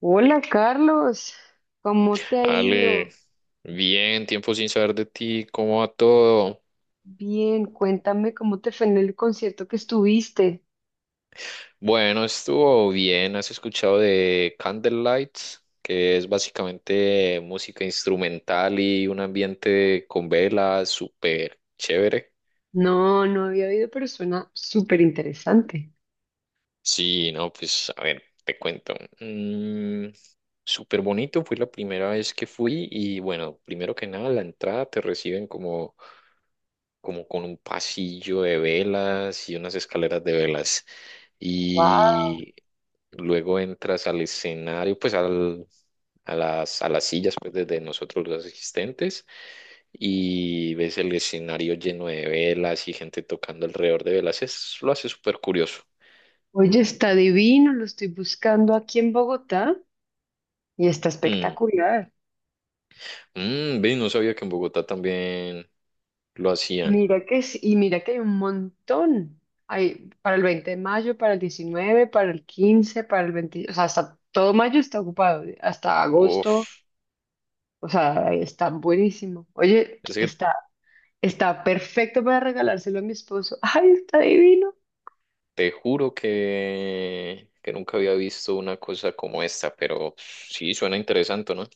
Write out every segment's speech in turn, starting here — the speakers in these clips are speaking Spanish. Hola Carlos, ¿cómo te ha Ale, ido? bien, tiempo sin saber de ti, ¿cómo va todo? Bien, cuéntame cómo te fue en el concierto que estuviste. Bueno, estuvo bien, ¿has escuchado de Candlelights? Que es básicamente música instrumental y un ambiente con velas súper chévere. No había oído, pero suena súper interesante. Sí, no, pues a ver, te cuento. Mm, súper bonito, fue la primera vez que fui y bueno, primero que nada, la entrada te reciben como con un pasillo de velas y unas escaleras de velas. Wow. Y luego entras al escenario, pues a las sillas pues, de nosotros los asistentes y ves el escenario lleno de velas y gente tocando alrededor de velas. Es, lo hace súper curioso. Oye, está divino, lo estoy buscando aquí en Bogotá y está Mm. espectacular. Mm, ve, no sabía que en Bogotá también lo hacían. Mira que sí, y mira que hay un montón. Hay para el 20 de mayo, para el 19, para el 15, para el 20, o sea, hasta todo mayo está ocupado, hasta agosto, Uf, o sea, está buenísimo. Oye, es que está. Está perfecto para regalárselo a mi esposo. ¡Ay, está divino! te juro que nunca había visto una cosa como esta, pero sí suena interesante, ¿no?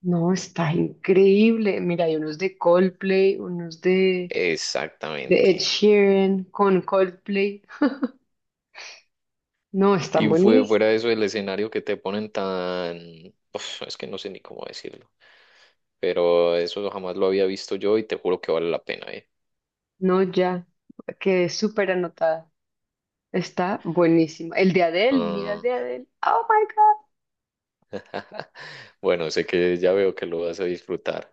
No, está increíble. Mira, hay unos de Coldplay, de Ed Exactamente. Sheeran con Coldplay. No, Y están fue buenísimos. fuera de eso el escenario que te ponen tan... Uf, es que no sé ni cómo decirlo, pero eso jamás lo había visto yo y te juro que vale la pena, ¿eh? No, ya. Quedé súper anotada. Está buenísimo. El de Adele, mira el Ah, de Adele. ¡Oh, my God! bueno, sé que ya veo que lo vas a disfrutar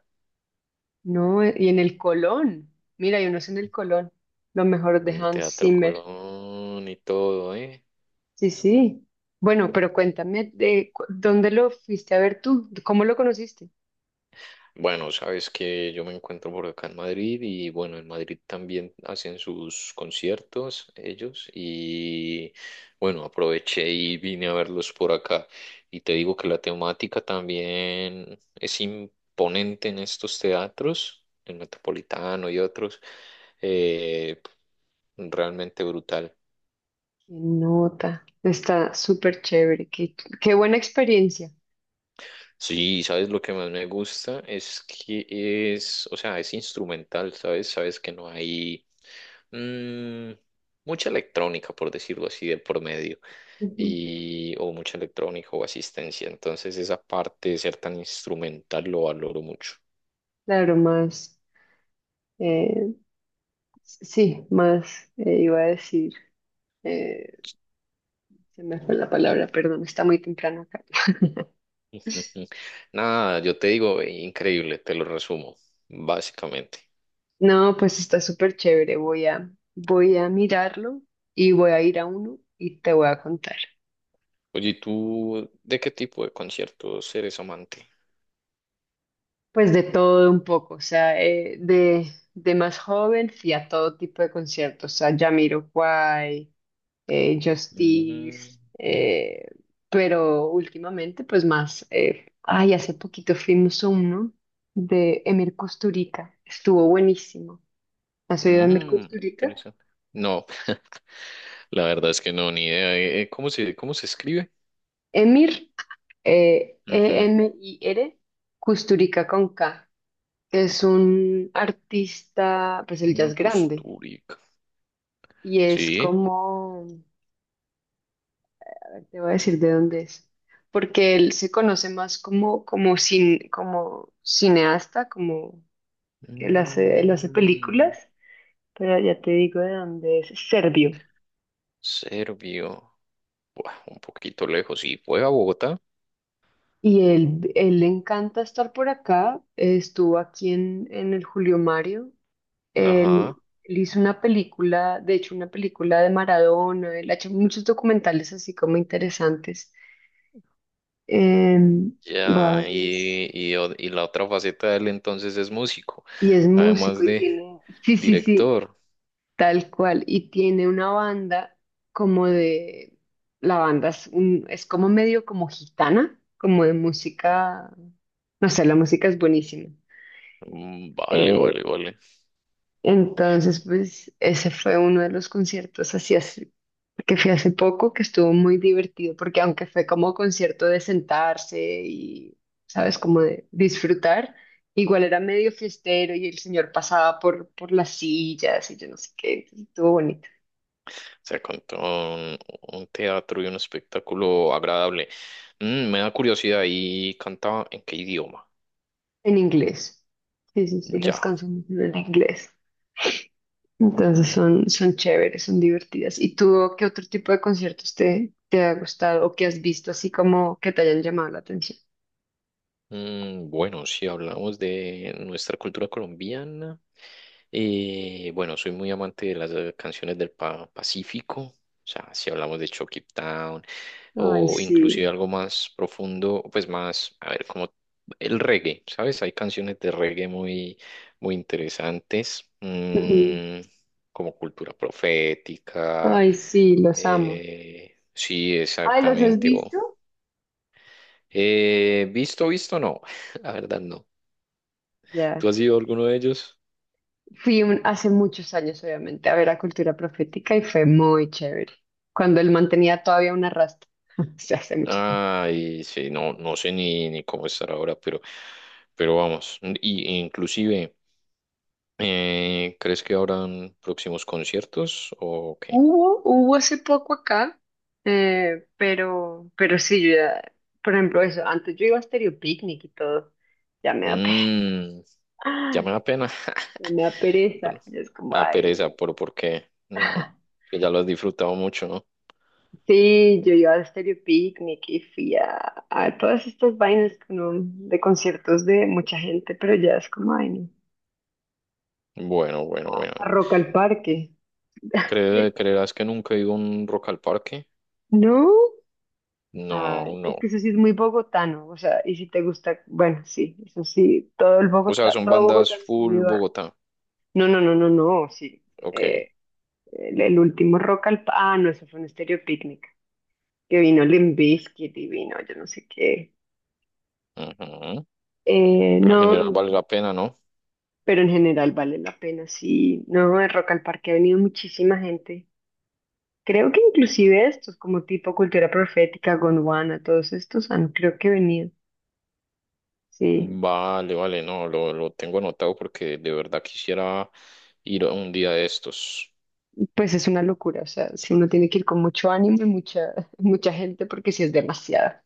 No, y en el Colón. Mira, hay unos en el Colón. Lo mejor de en el Hans Teatro Zimmer. Colón y todo, ¿eh? Sí, sí. Bueno, pero cuéntame de dónde lo fuiste a ver tú, cómo lo conociste. Bueno, sabes que yo me encuentro por acá en Madrid y bueno, en Madrid también hacen sus conciertos ellos y bueno, aproveché y vine a verlos por acá. Y te digo que la temática también es imponente en estos teatros, el Metropolitano y otros, eh, realmente brutal. Qué nota, está súper chévere, qué buena experiencia. Sí, sabes lo que más me gusta es que es, o sea, es instrumental, sabes, que no hay mm, mucha electrónica, por decirlo así, de por medio, Ujú. y o mucha electrónica o asistencia. Entonces, esa parte de ser tan instrumental lo valoro mucho. Claro, más, eh, sí, más iba a decir, eh, se me fue la palabra, perdón, está muy temprano acá. Ujú. Nada, yo te digo, increíble, te lo resumo básicamente. No, pues está súper chévere, voy a mirarlo y voy a ir a uno y te voy a contar. Oye, ¿y tú de qué tipo de conciertos eres amante? Pues de todo un poco, o sea, de más joven fui a todo tipo de conciertos, a Jamiroquai, Mm, Justice, pero últimamente pues más, ay, hace poquito fuimos a uno de Emir Kusturica, estuvo buenísimo. ¿Has oído de Emir mm, Kusturica? interesante. No, la verdad es que no, ni idea. Cómo se escribe? Emir, Ujú. Emir, Kusturica con K, es un artista, pues él ya Una es grande Costurica. y es Sí. como, te voy a decir de dónde es porque él se conoce más como, como cineasta, como. Él hace Mm, películas, pero ya te digo de dónde es, serbio. serbio. Buah, un poquito lejos. Sí, fue a Bogotá. Y él le encanta estar por acá. Estuvo aquí en el Julio Mario. Él, Ajá. él hizo una película, de hecho, una película de Maradona. Él ha hecho muchos documentales así como interesantes. Em, voy a Ya, verlos. O- y la otra faceta de él entonces es músico, Y es músico además y de tiene. Sí, sí, sí. director. Tal cual, y tiene una banda como de, la banda es, un- es como medio como gitana, como de música, no sé, la música es buenísima. Mm, vale, Eh, vale, vale. entonces, pues ese fue uno de los conciertos así que fui hace poco, que estuvo muy divertido, porque aunque fue como concierto de sentarse y, sabes, como de disfrutar, igual era medio fiestero y el señor pasaba por las sillas y yo no sé qué, entonces estuvo bonito. O sea, con todo un teatro y un espectáculo agradable. Mm, me da curiosidad, ¿y cantaba en qué idioma? En inglés. Sí, sí, sí, las Ya. canciones son en inglés. Entonces son chéveres, son divertidas. ¿Y tú qué otro tipo de conciertos te ha gustado o que has visto así como que te hayan llamado la atención? Mm, bueno, si hablamos de nuestra cultura colombiana, bueno, soy muy amante de las canciones del Pa- Pacífico, o sea, si hablamos de Chucky Town Ay, o inclusive sí. algo más profundo, pues más, a ver, como el reggae, ¿sabes? Hay canciones de reggae muy, muy interesantes, Ujú. mm, como Cultura Profética, Ay, sí, los amo. Sí, Ay, ¿los has exactamente. O visto? Visto, visto, no. La verdad no. ¿Tú Ya. has ido a alguno de ellos? Hace muchos años, obviamente, a ver a Cultura Profética y fue muy chévere. Cuando él mantenía todavía una rasta. O sea, hace mucho tiempo. Ay, sí, no, no sé ni, ni cómo estar ahora, pero vamos. Y, e inclusive, ¿crees que habrán próximos conciertos o qué? Hubo hace poco acá, pero sí, yo ya, por ejemplo, eso, antes yo iba a Stereo Picnic y todo, ya me da pereza, Mm, ya me da pena. ya me da Bueno, pereza, ya es como, a ay, pereza, no. pero por qué. No, que ya lo has disfrutado mucho, ¿no? Sí, yo iba a Stereo Picnic y fui a, todas estas vainas que de conciertos de mucha gente, pero ya es como, ay, no. Bueno, bueno, bueno. A Rock al Parque. ¿Cre- ¿Creerás que nunca he ido a un Rock al Parque? No. Ah, No, es no. que eso sí es muy bogotano, o sea, y si te gusta, bueno, sí, eso sí, todo el O sea, Bogotá, son todo bandas Bogotá. Full Bogotá. No, no, no, no, no, sí. Ok. eh, el último ah, no, eso fue un Estéreo Picnic, que vino Limp Bizkit y vino, yo no sé qué. Ujú. Pero en general No, vale la pena, ¿no? pero en general vale la pena, sí. No, el Rock al Parque ha venido muchísima gente. Creo que inclusive estos, como tipo Cultura Profética, Gondwana, todos estos han, creo que venido, sí. Vale, vale, no, lo tengo anotado porque de verdad quisiera ir a un día de estos. Pues es una locura, o sea, si uno tiene que ir con mucho ánimo y mucha, mucha gente porque si es demasiada,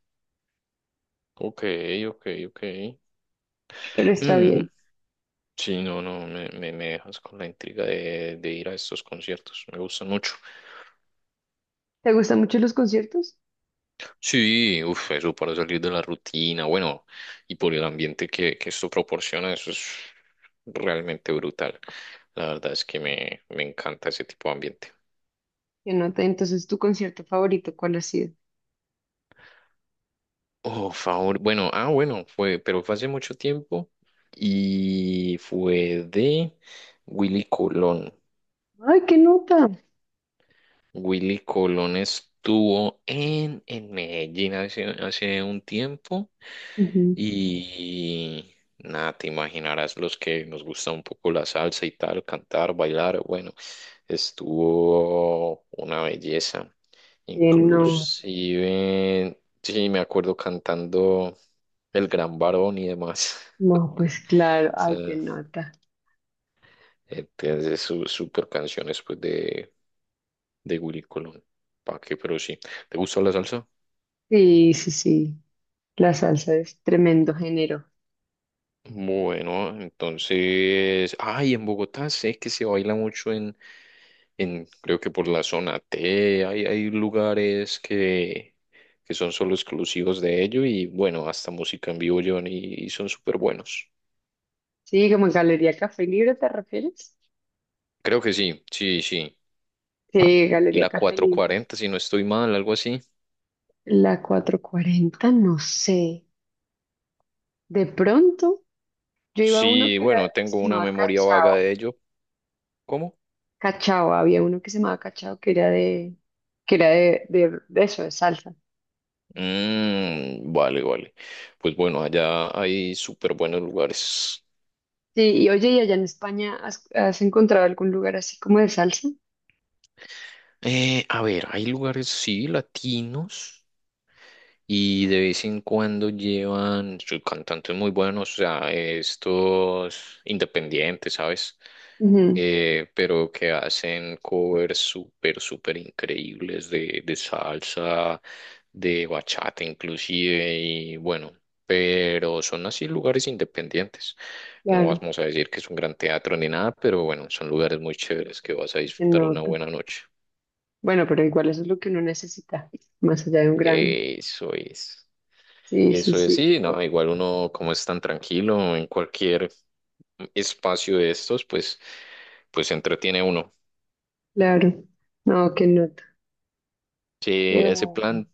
Ok, ok, ok. pero está Mm, bien. sí, no, no, me dejas con la intriga de ir a estos conciertos. Me gustan mucho. ¿Te gustan mucho los conciertos? Sí, uff, eso para salir de la rutina, bueno, y por el ambiente que esto proporciona, eso es realmente brutal. La verdad es que me encanta ese tipo de ambiente. ¿Qué nota? Entonces, ¿tu concierto favorito cuál ha sido? Oh, favor. Bueno, ah, bueno, fue, pero fue hace mucho tiempo y fue de Willy Colón. ¡Ay, qué nota! Willy Colón estuvo en Medellín hace, hace un tiempo Ujú. y nada, te imaginarás los que nos gusta un poco la salsa y tal, cantar, bailar. Bueno, estuvo una belleza. ¿Qué nota? Inclusive, sí, me acuerdo cantando El Gran Varón y demás. No, pues claro, ¡ay, qué Sea, nota! Tiene sus super canciones pues de Willy Colón. ¿Para qué? Pero sí. ¿Te gusta la salsa? Sí, sí, sí, la salsa es tremendo género. Bueno, entonces, ay, en Bogotá sé que se baila mucho en creo que por la zona T, hay lugares que son solo exclusivos de ello y bueno, hasta música en vivo llevan y son súper buenos. Sí, como en Galería Café Libre, ¿te refieres? Creo que sí, sí, sí. Sí, Y Galería la Café cuatrocientos Libre. cuarenta si no estoy mal, algo así. La 440, no sé. De pronto. Yo iba a uno Sí, que era bueno, que tengo se una llamaba memoria vaga Cachao. de ello. ¿Cómo? Cachao, había uno que se llamaba Cachao que era de, de eso, de salsa. Mm, vale, vale. Pues bueno, allá hay súper buenos lugares. Sí, y oye, ¿y allá en España has encontrado algún lugar así como de salsa? A ver, hay lugares, sí, latinos. Y de vez en cuando llevan sus cantantes muy buenos, o sea, estos independientes, ¿sabes? Ujú, Pero que hacen covers súper, súper increíbles de salsa, de bachata inclusive, y bueno, pero son así lugares independientes. No claro, vamos a decir que es un gran teatro ni nada, pero bueno, son lugares muy chéveres que vas a qué disfrutar una nota. buena noche. Bueno, pero igual eso es lo que uno necesita, más allá de un gran. Eso es. Sí, sí, Eso es, sí, qué sí, no, nota. igual uno como es tan tranquilo en cualquier espacio de estos, pues, pues se entretiene uno. Claro. No, qué nota. Sí, Qué ese bueno. plan,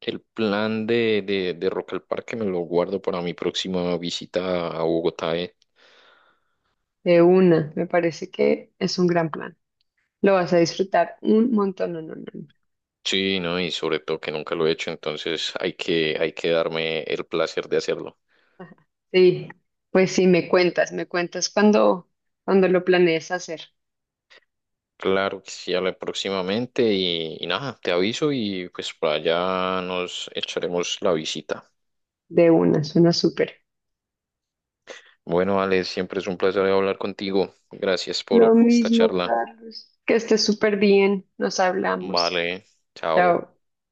el plan de Rock al Parque me lo guardo para mi próxima visita a Bogotá, eh. De una, me parece que es un gran plan. Lo vas a disfrutar un montón, no. Sí, no, y sobre todo que nunca lo he hecho, entonces hay que darme el placer de hacerlo. Sí, pues sí, me cuentas cuando lo planees hacer Claro que sí, habla próximamente y nada, te aviso y pues para allá nos echaremos la visita. de una, suena súper. Bueno, Ale, siempre es un placer hablar contigo. Gracias Lo por esta mismo, charla. Carlos. Que estés súper bien, nos hablamos. Vale, chao. Chao.